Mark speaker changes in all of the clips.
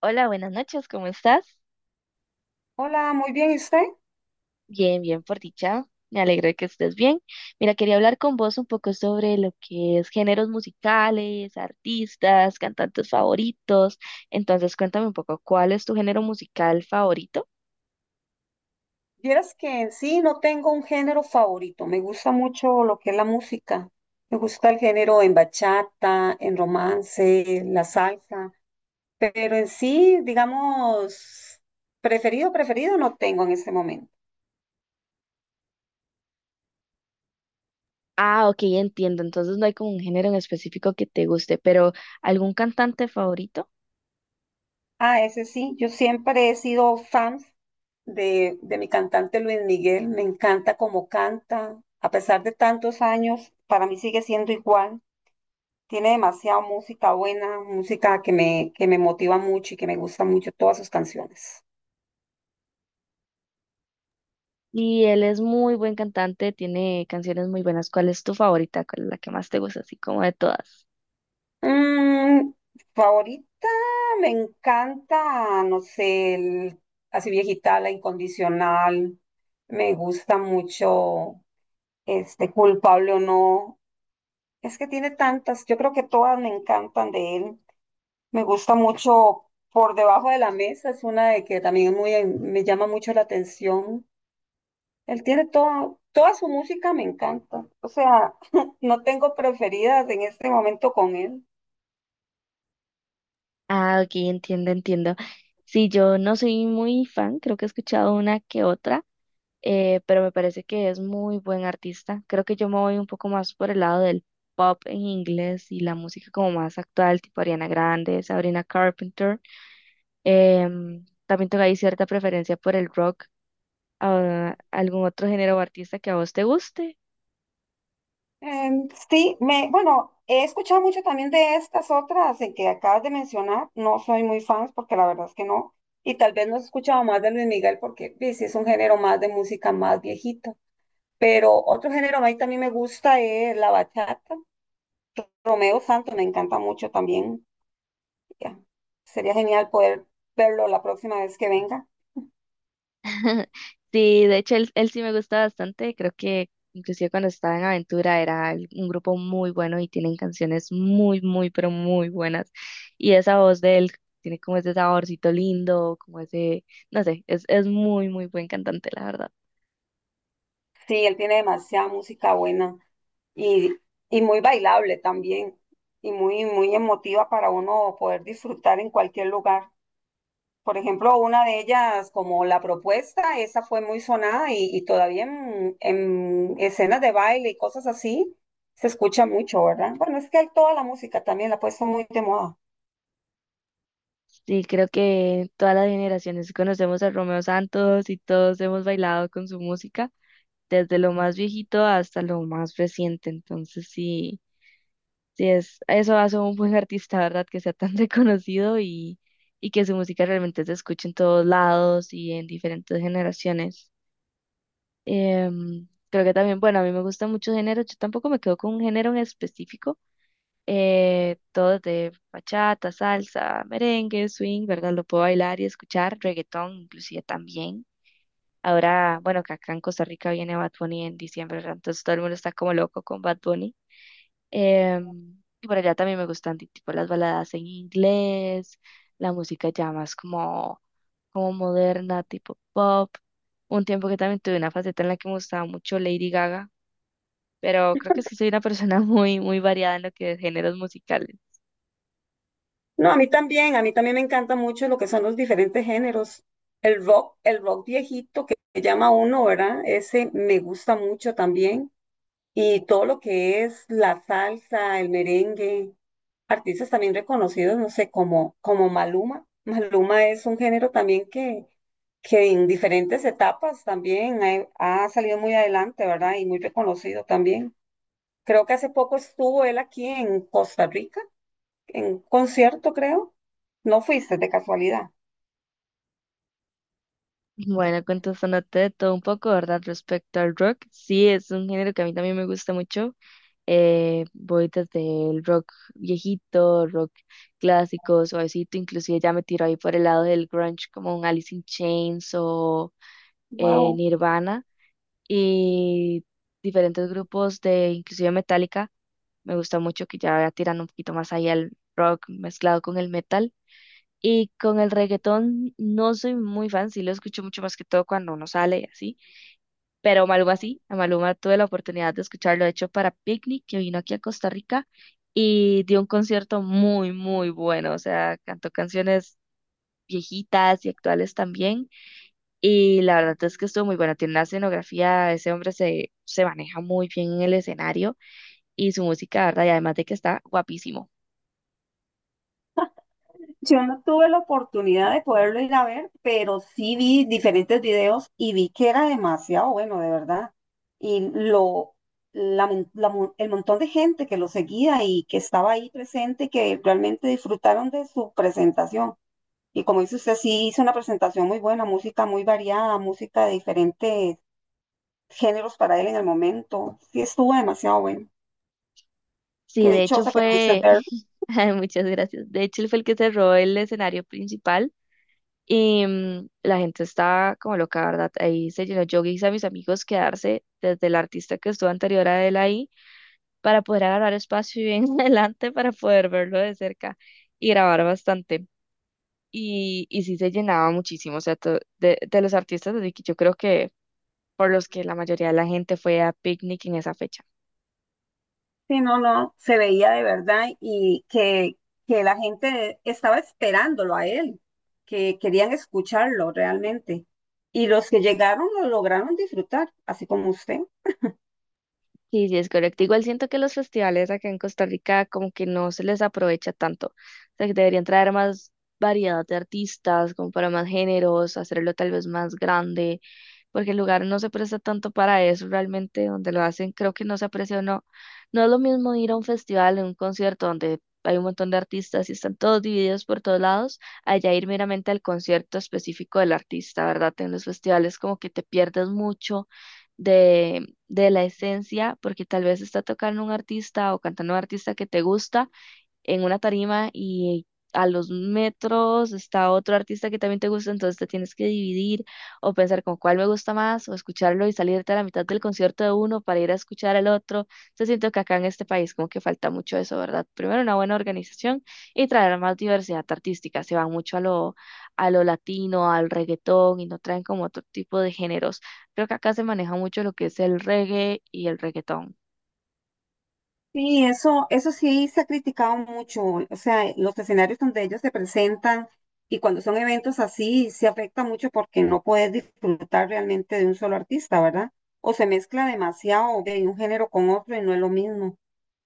Speaker 1: Hola, buenas noches, ¿cómo estás?
Speaker 2: Hola, muy bien, ¿y usted?
Speaker 1: Bien, bien, por dicha. Me alegro de que estés bien. Mira, quería hablar con vos un poco sobre lo que es géneros musicales, artistas, cantantes favoritos. Entonces, cuéntame un poco, ¿cuál es tu género musical favorito?
Speaker 2: Vieras que en sí no tengo un género favorito, me gusta mucho lo que es la música, me gusta el género en bachata, en romance, la salsa, pero en sí, digamos, preferido, preferido no tengo en este momento.
Speaker 1: Ah, ok, entiendo. Entonces no hay como un género en específico que te guste, pero ¿algún cantante favorito?
Speaker 2: Ah, ese sí, yo siempre he sido fan de mi cantante Luis Miguel, me encanta cómo canta, a pesar de tantos años, para mí sigue siendo igual. Tiene demasiada música buena, música que me motiva mucho y que me gusta mucho todas sus canciones.
Speaker 1: Y él es muy buen cantante, tiene canciones muy buenas. ¿Cuál es tu favorita? ¿Cuál es la que más te gusta, así como de todas?
Speaker 2: Mm, favorita, me encanta, no sé, así viejita, la incondicional. Me gusta mucho, culpable o no. Es que tiene tantas, yo creo que todas me encantan de él. Me gusta mucho por debajo de la mesa, es una de que también muy, me llama mucho la atención. Él tiene todo, toda su música me encanta. O sea, no tengo preferidas en este momento con él.
Speaker 1: Ah, ok, entiendo, entiendo. Sí, yo no soy muy fan, creo que he escuchado una que otra, pero me parece que es muy buen artista. Creo que yo me voy un poco más por el lado del pop en inglés y la música como más actual, tipo Ariana Grande, Sabrina Carpenter. También tengo ahí cierta preferencia por el rock. Ah, ¿algún otro género o artista que a vos te guste?
Speaker 2: Bueno, he escuchado mucho también de estas otras en que acabas de mencionar. No soy muy fan porque la verdad es que no. Y tal vez no he escuchado más de Luis Miguel porque sí, sí es un género más de música más viejita. Pero otro género a mí también me gusta es la bachata. Romeo Santos me encanta mucho también. Ya, sería genial poder verlo la próxima vez que venga.
Speaker 1: Sí, de hecho él sí me gusta bastante, creo que inclusive cuando estaba en Aventura era un grupo muy bueno y tienen canciones muy, muy, pero muy buenas. Y esa voz de él tiene como ese saborcito lindo, como ese, no sé, es muy, muy buen cantante, la verdad.
Speaker 2: Sí, él tiene demasiada música buena y, y muy bailable también y muy, muy emotiva para uno poder disfrutar en cualquier lugar. Por ejemplo, una de ellas, como La Propuesta, esa fue muy sonada y todavía en escenas de baile y cosas así se escucha mucho, ¿verdad? Bueno, es que él toda la música también la ha puesto muy de moda.
Speaker 1: Sí, creo que todas las generaciones conocemos a Romeo Santos y todos hemos bailado con su música, desde lo más viejito hasta lo más reciente, entonces sí. Eso hace un buen artista, ¿verdad? Que sea tan reconocido y que su música realmente se escuche en todos lados y en diferentes generaciones. Creo que también, bueno, a mí me gustan muchos géneros, yo tampoco me quedo con un género en específico, todo de bachata, salsa, merengue, swing, ¿verdad? Lo puedo bailar y escuchar, reggaetón inclusive también. Ahora, bueno, que acá en Costa Rica viene Bad Bunny en diciembre, ¿verdad? Entonces todo el mundo está como loco con Bad Bunny. Y por allá también me gustan tipo las baladas en inglés, la música ya más como, como moderna, tipo pop. Un tiempo que también tuve una faceta en la que me gustaba mucho Lady Gaga, pero creo que es que soy una persona muy, muy variada en lo que es géneros musicales.
Speaker 2: No, a mí también me encanta mucho lo que son los diferentes géneros. El rock viejito que llama uno, ¿verdad? Ese me gusta mucho también. Y todo lo que es la salsa, el merengue, artistas también reconocidos, no sé, como Maluma. Maluma es un género también que en diferentes etapas también ha salido muy adelante, ¿verdad? Y muy reconocido también. Creo que hace poco estuvo él aquí en Costa Rica en concierto, creo. No fuiste de casualidad.
Speaker 1: Bueno, contestándote de todo un poco, ¿verdad? Respecto al rock, sí, es un género que a mí también me gusta mucho. Voy desde el rock viejito, rock clásico, suavecito, inclusive ya me tiro ahí por el lado del grunge como un Alice in Chains o
Speaker 2: Wow.
Speaker 1: Nirvana y diferentes grupos de inclusive Metallica. Me gusta mucho que ya tiran un poquito más ahí al rock mezclado con el metal. Y con el reggaetón no soy muy fan, sí lo escucho mucho más que todo cuando uno sale y así, pero Maluma sí, a Maluma tuve la oportunidad de escucharlo, de hecho, para Picnic, que vino aquí a Costa Rica y dio un concierto muy, muy bueno, o sea, cantó canciones viejitas y actuales también, y la verdad es que estuvo muy bueno, tiene una escenografía, ese hombre se maneja muy bien en el escenario y su música, ¿verdad? Y además de que está guapísimo.
Speaker 2: Yo no tuve la oportunidad de poderlo ir a ver, pero sí vi diferentes videos y vi que era demasiado bueno, de verdad. Y lo, la mon- El montón de gente que lo seguía y que estaba ahí presente, que realmente disfrutaron de su presentación. Y como dice usted, sí hizo una presentación muy buena, música muy variada, música de diferentes géneros para él en el momento. Sí estuvo demasiado bueno.
Speaker 1: Sí,
Speaker 2: Qué
Speaker 1: de hecho
Speaker 2: dichosa que pudiste
Speaker 1: fue,
Speaker 2: verlo.
Speaker 1: ay, muchas gracias. De hecho, él fue el que se robó el escenario principal y la gente está como loca, ¿verdad? Ahí se llenó. Yo hice a mis amigos quedarse desde el artista que estuvo anterior a él ahí para poder agarrar espacio y bien adelante para poder verlo de cerca y grabar bastante. Y sí se llenaba muchísimo, o sea, de los artistas de que yo creo que por los que la mayoría de la gente fue a Picnic en esa fecha.
Speaker 2: Sí, no, no, se veía de verdad y que la gente estaba esperándolo a él, que querían escucharlo realmente. Y los que llegaron lo lograron disfrutar, así como usted.
Speaker 1: Sí, sí, es correcto. Igual siento que los festivales acá en Costa Rica como que no se les aprovecha tanto. O sea, que deberían traer más variedad de artistas, como para más géneros, hacerlo tal vez más grande, porque el lugar no se presta tanto para eso realmente, donde lo hacen, creo que no se aprecia o no. No es lo mismo ir a un festival, a un concierto donde hay un montón de artistas y están todos divididos por todos lados, allá ir meramente al concierto específico del artista, ¿verdad? En los festivales como que te pierdes mucho de la esencia, porque tal vez está tocando un artista o cantando un artista que te gusta, en una tarima y a los metros está otro artista que también te gusta, entonces te tienes que dividir o pensar con cuál me gusta más o escucharlo y salirte a la mitad del concierto de uno para ir a escuchar al otro. Entonces siento que acá en este país como que falta mucho eso, ¿verdad? Primero una buena organización y traer más diversidad artística. Se van mucho a lo latino, al reggaetón y no traen como otro tipo de géneros. Creo que acá se maneja mucho lo que es el reggae y el reggaetón.
Speaker 2: Sí, eso sí se ha criticado mucho, o sea, los escenarios donde ellos se presentan y cuando son eventos así, se afecta mucho porque no puedes disfrutar realmente de un solo artista, ¿verdad? O se mezcla demasiado de un género con otro y no es lo mismo.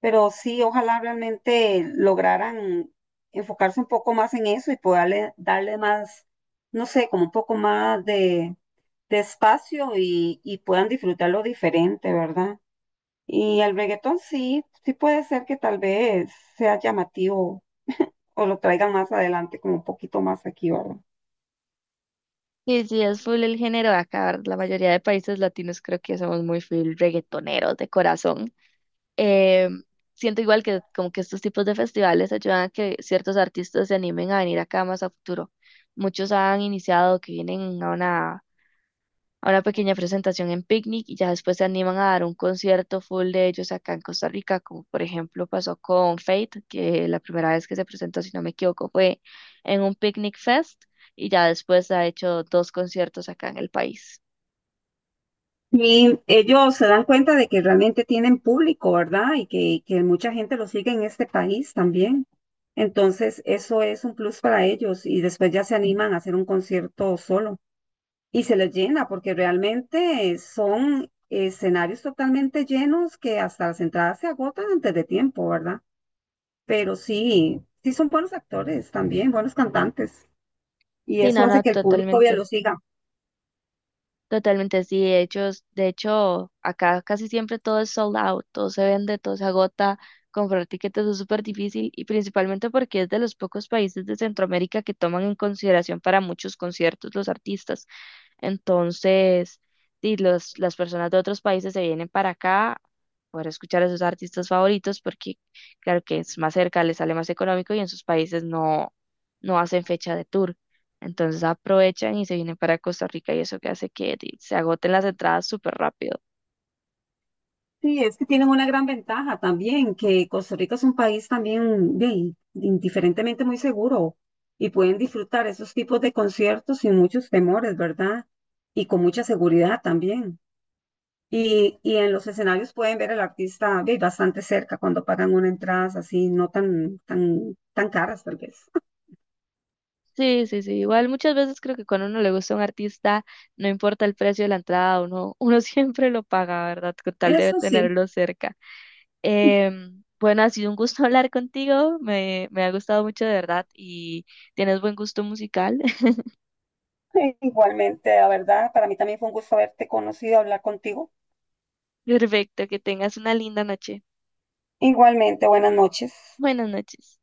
Speaker 2: Pero sí, ojalá realmente lograran enfocarse un poco más en eso y poderle darle más, no sé, como un poco más de espacio y puedan disfrutarlo diferente, ¿verdad? Y el reggaetón sí, sí puede ser que tal vez sea llamativo o lo traigan más adelante, como un poquito más aquí, ¿verdad?
Speaker 1: Sí, sí, es full el género de acá. La mayoría de países latinos creo que somos muy full reggaetoneros de corazón. Eh, Siento igual que como que estos tipos de festivales ayudan a que ciertos artistas se animen a venir acá más a futuro. Muchos han iniciado que vienen a una pequeña presentación en Picnic y ya después se animan a dar un concierto full de ellos acá en Costa Rica, como por ejemplo pasó con Fate, que la primera vez que se presentó, si no me equivoco, fue en un Picnic Fest y ya después ha hecho dos conciertos acá en el país.
Speaker 2: Y ellos se dan cuenta de que realmente tienen público, ¿verdad? Y que mucha gente lo sigue en este país también. Entonces, eso es un plus para ellos y después ya se animan a hacer un concierto solo y se les llena porque realmente son escenarios totalmente llenos que hasta las entradas se agotan antes de tiempo, ¿verdad? Pero sí, sí son buenos actores también, buenos cantantes y
Speaker 1: Sí,
Speaker 2: eso
Speaker 1: no,
Speaker 2: hace
Speaker 1: no,
Speaker 2: que el público ya
Speaker 1: totalmente.
Speaker 2: lo siga.
Speaker 1: Totalmente, sí, de hecho, acá casi siempre todo es sold out, todo se vende, todo se agota, comprar tiquetes es súper difícil y principalmente porque es de los pocos países de Centroamérica que toman en consideración para muchos conciertos los artistas. Entonces, sí, las personas de otros países se vienen para acá para escuchar a sus artistas favoritos porque claro que es más cerca, les sale más económico y en sus países no hacen fecha de tour. Entonces aprovechan y se vienen para Costa Rica y eso que hace que se agoten las entradas súper rápido.
Speaker 2: Sí, es que tienen una gran ventaja también, que Costa Rica es un país también bien, indiferentemente muy seguro y pueden disfrutar esos tipos de conciertos sin muchos temores, ¿verdad? Y con mucha seguridad también. Y en los escenarios pueden ver al artista bien, bastante cerca cuando pagan una entrada así, no tan, tan, tan caras tal vez.
Speaker 1: Sí, sí, sí. Igual muchas veces creo que cuando uno le gusta a un artista, no importa el precio de la entrada, uno siempre lo paga, ¿verdad? Con tal de
Speaker 2: Eso sí,
Speaker 1: tenerlo cerca. Bueno, ha sido un gusto hablar contigo, me ha gustado mucho de verdad y tienes buen gusto musical.
Speaker 2: igualmente, la verdad, para mí también fue un gusto haberte conocido, hablar contigo.
Speaker 1: Perfecto, que tengas una linda noche.
Speaker 2: Igualmente, buenas noches.
Speaker 1: Buenas noches.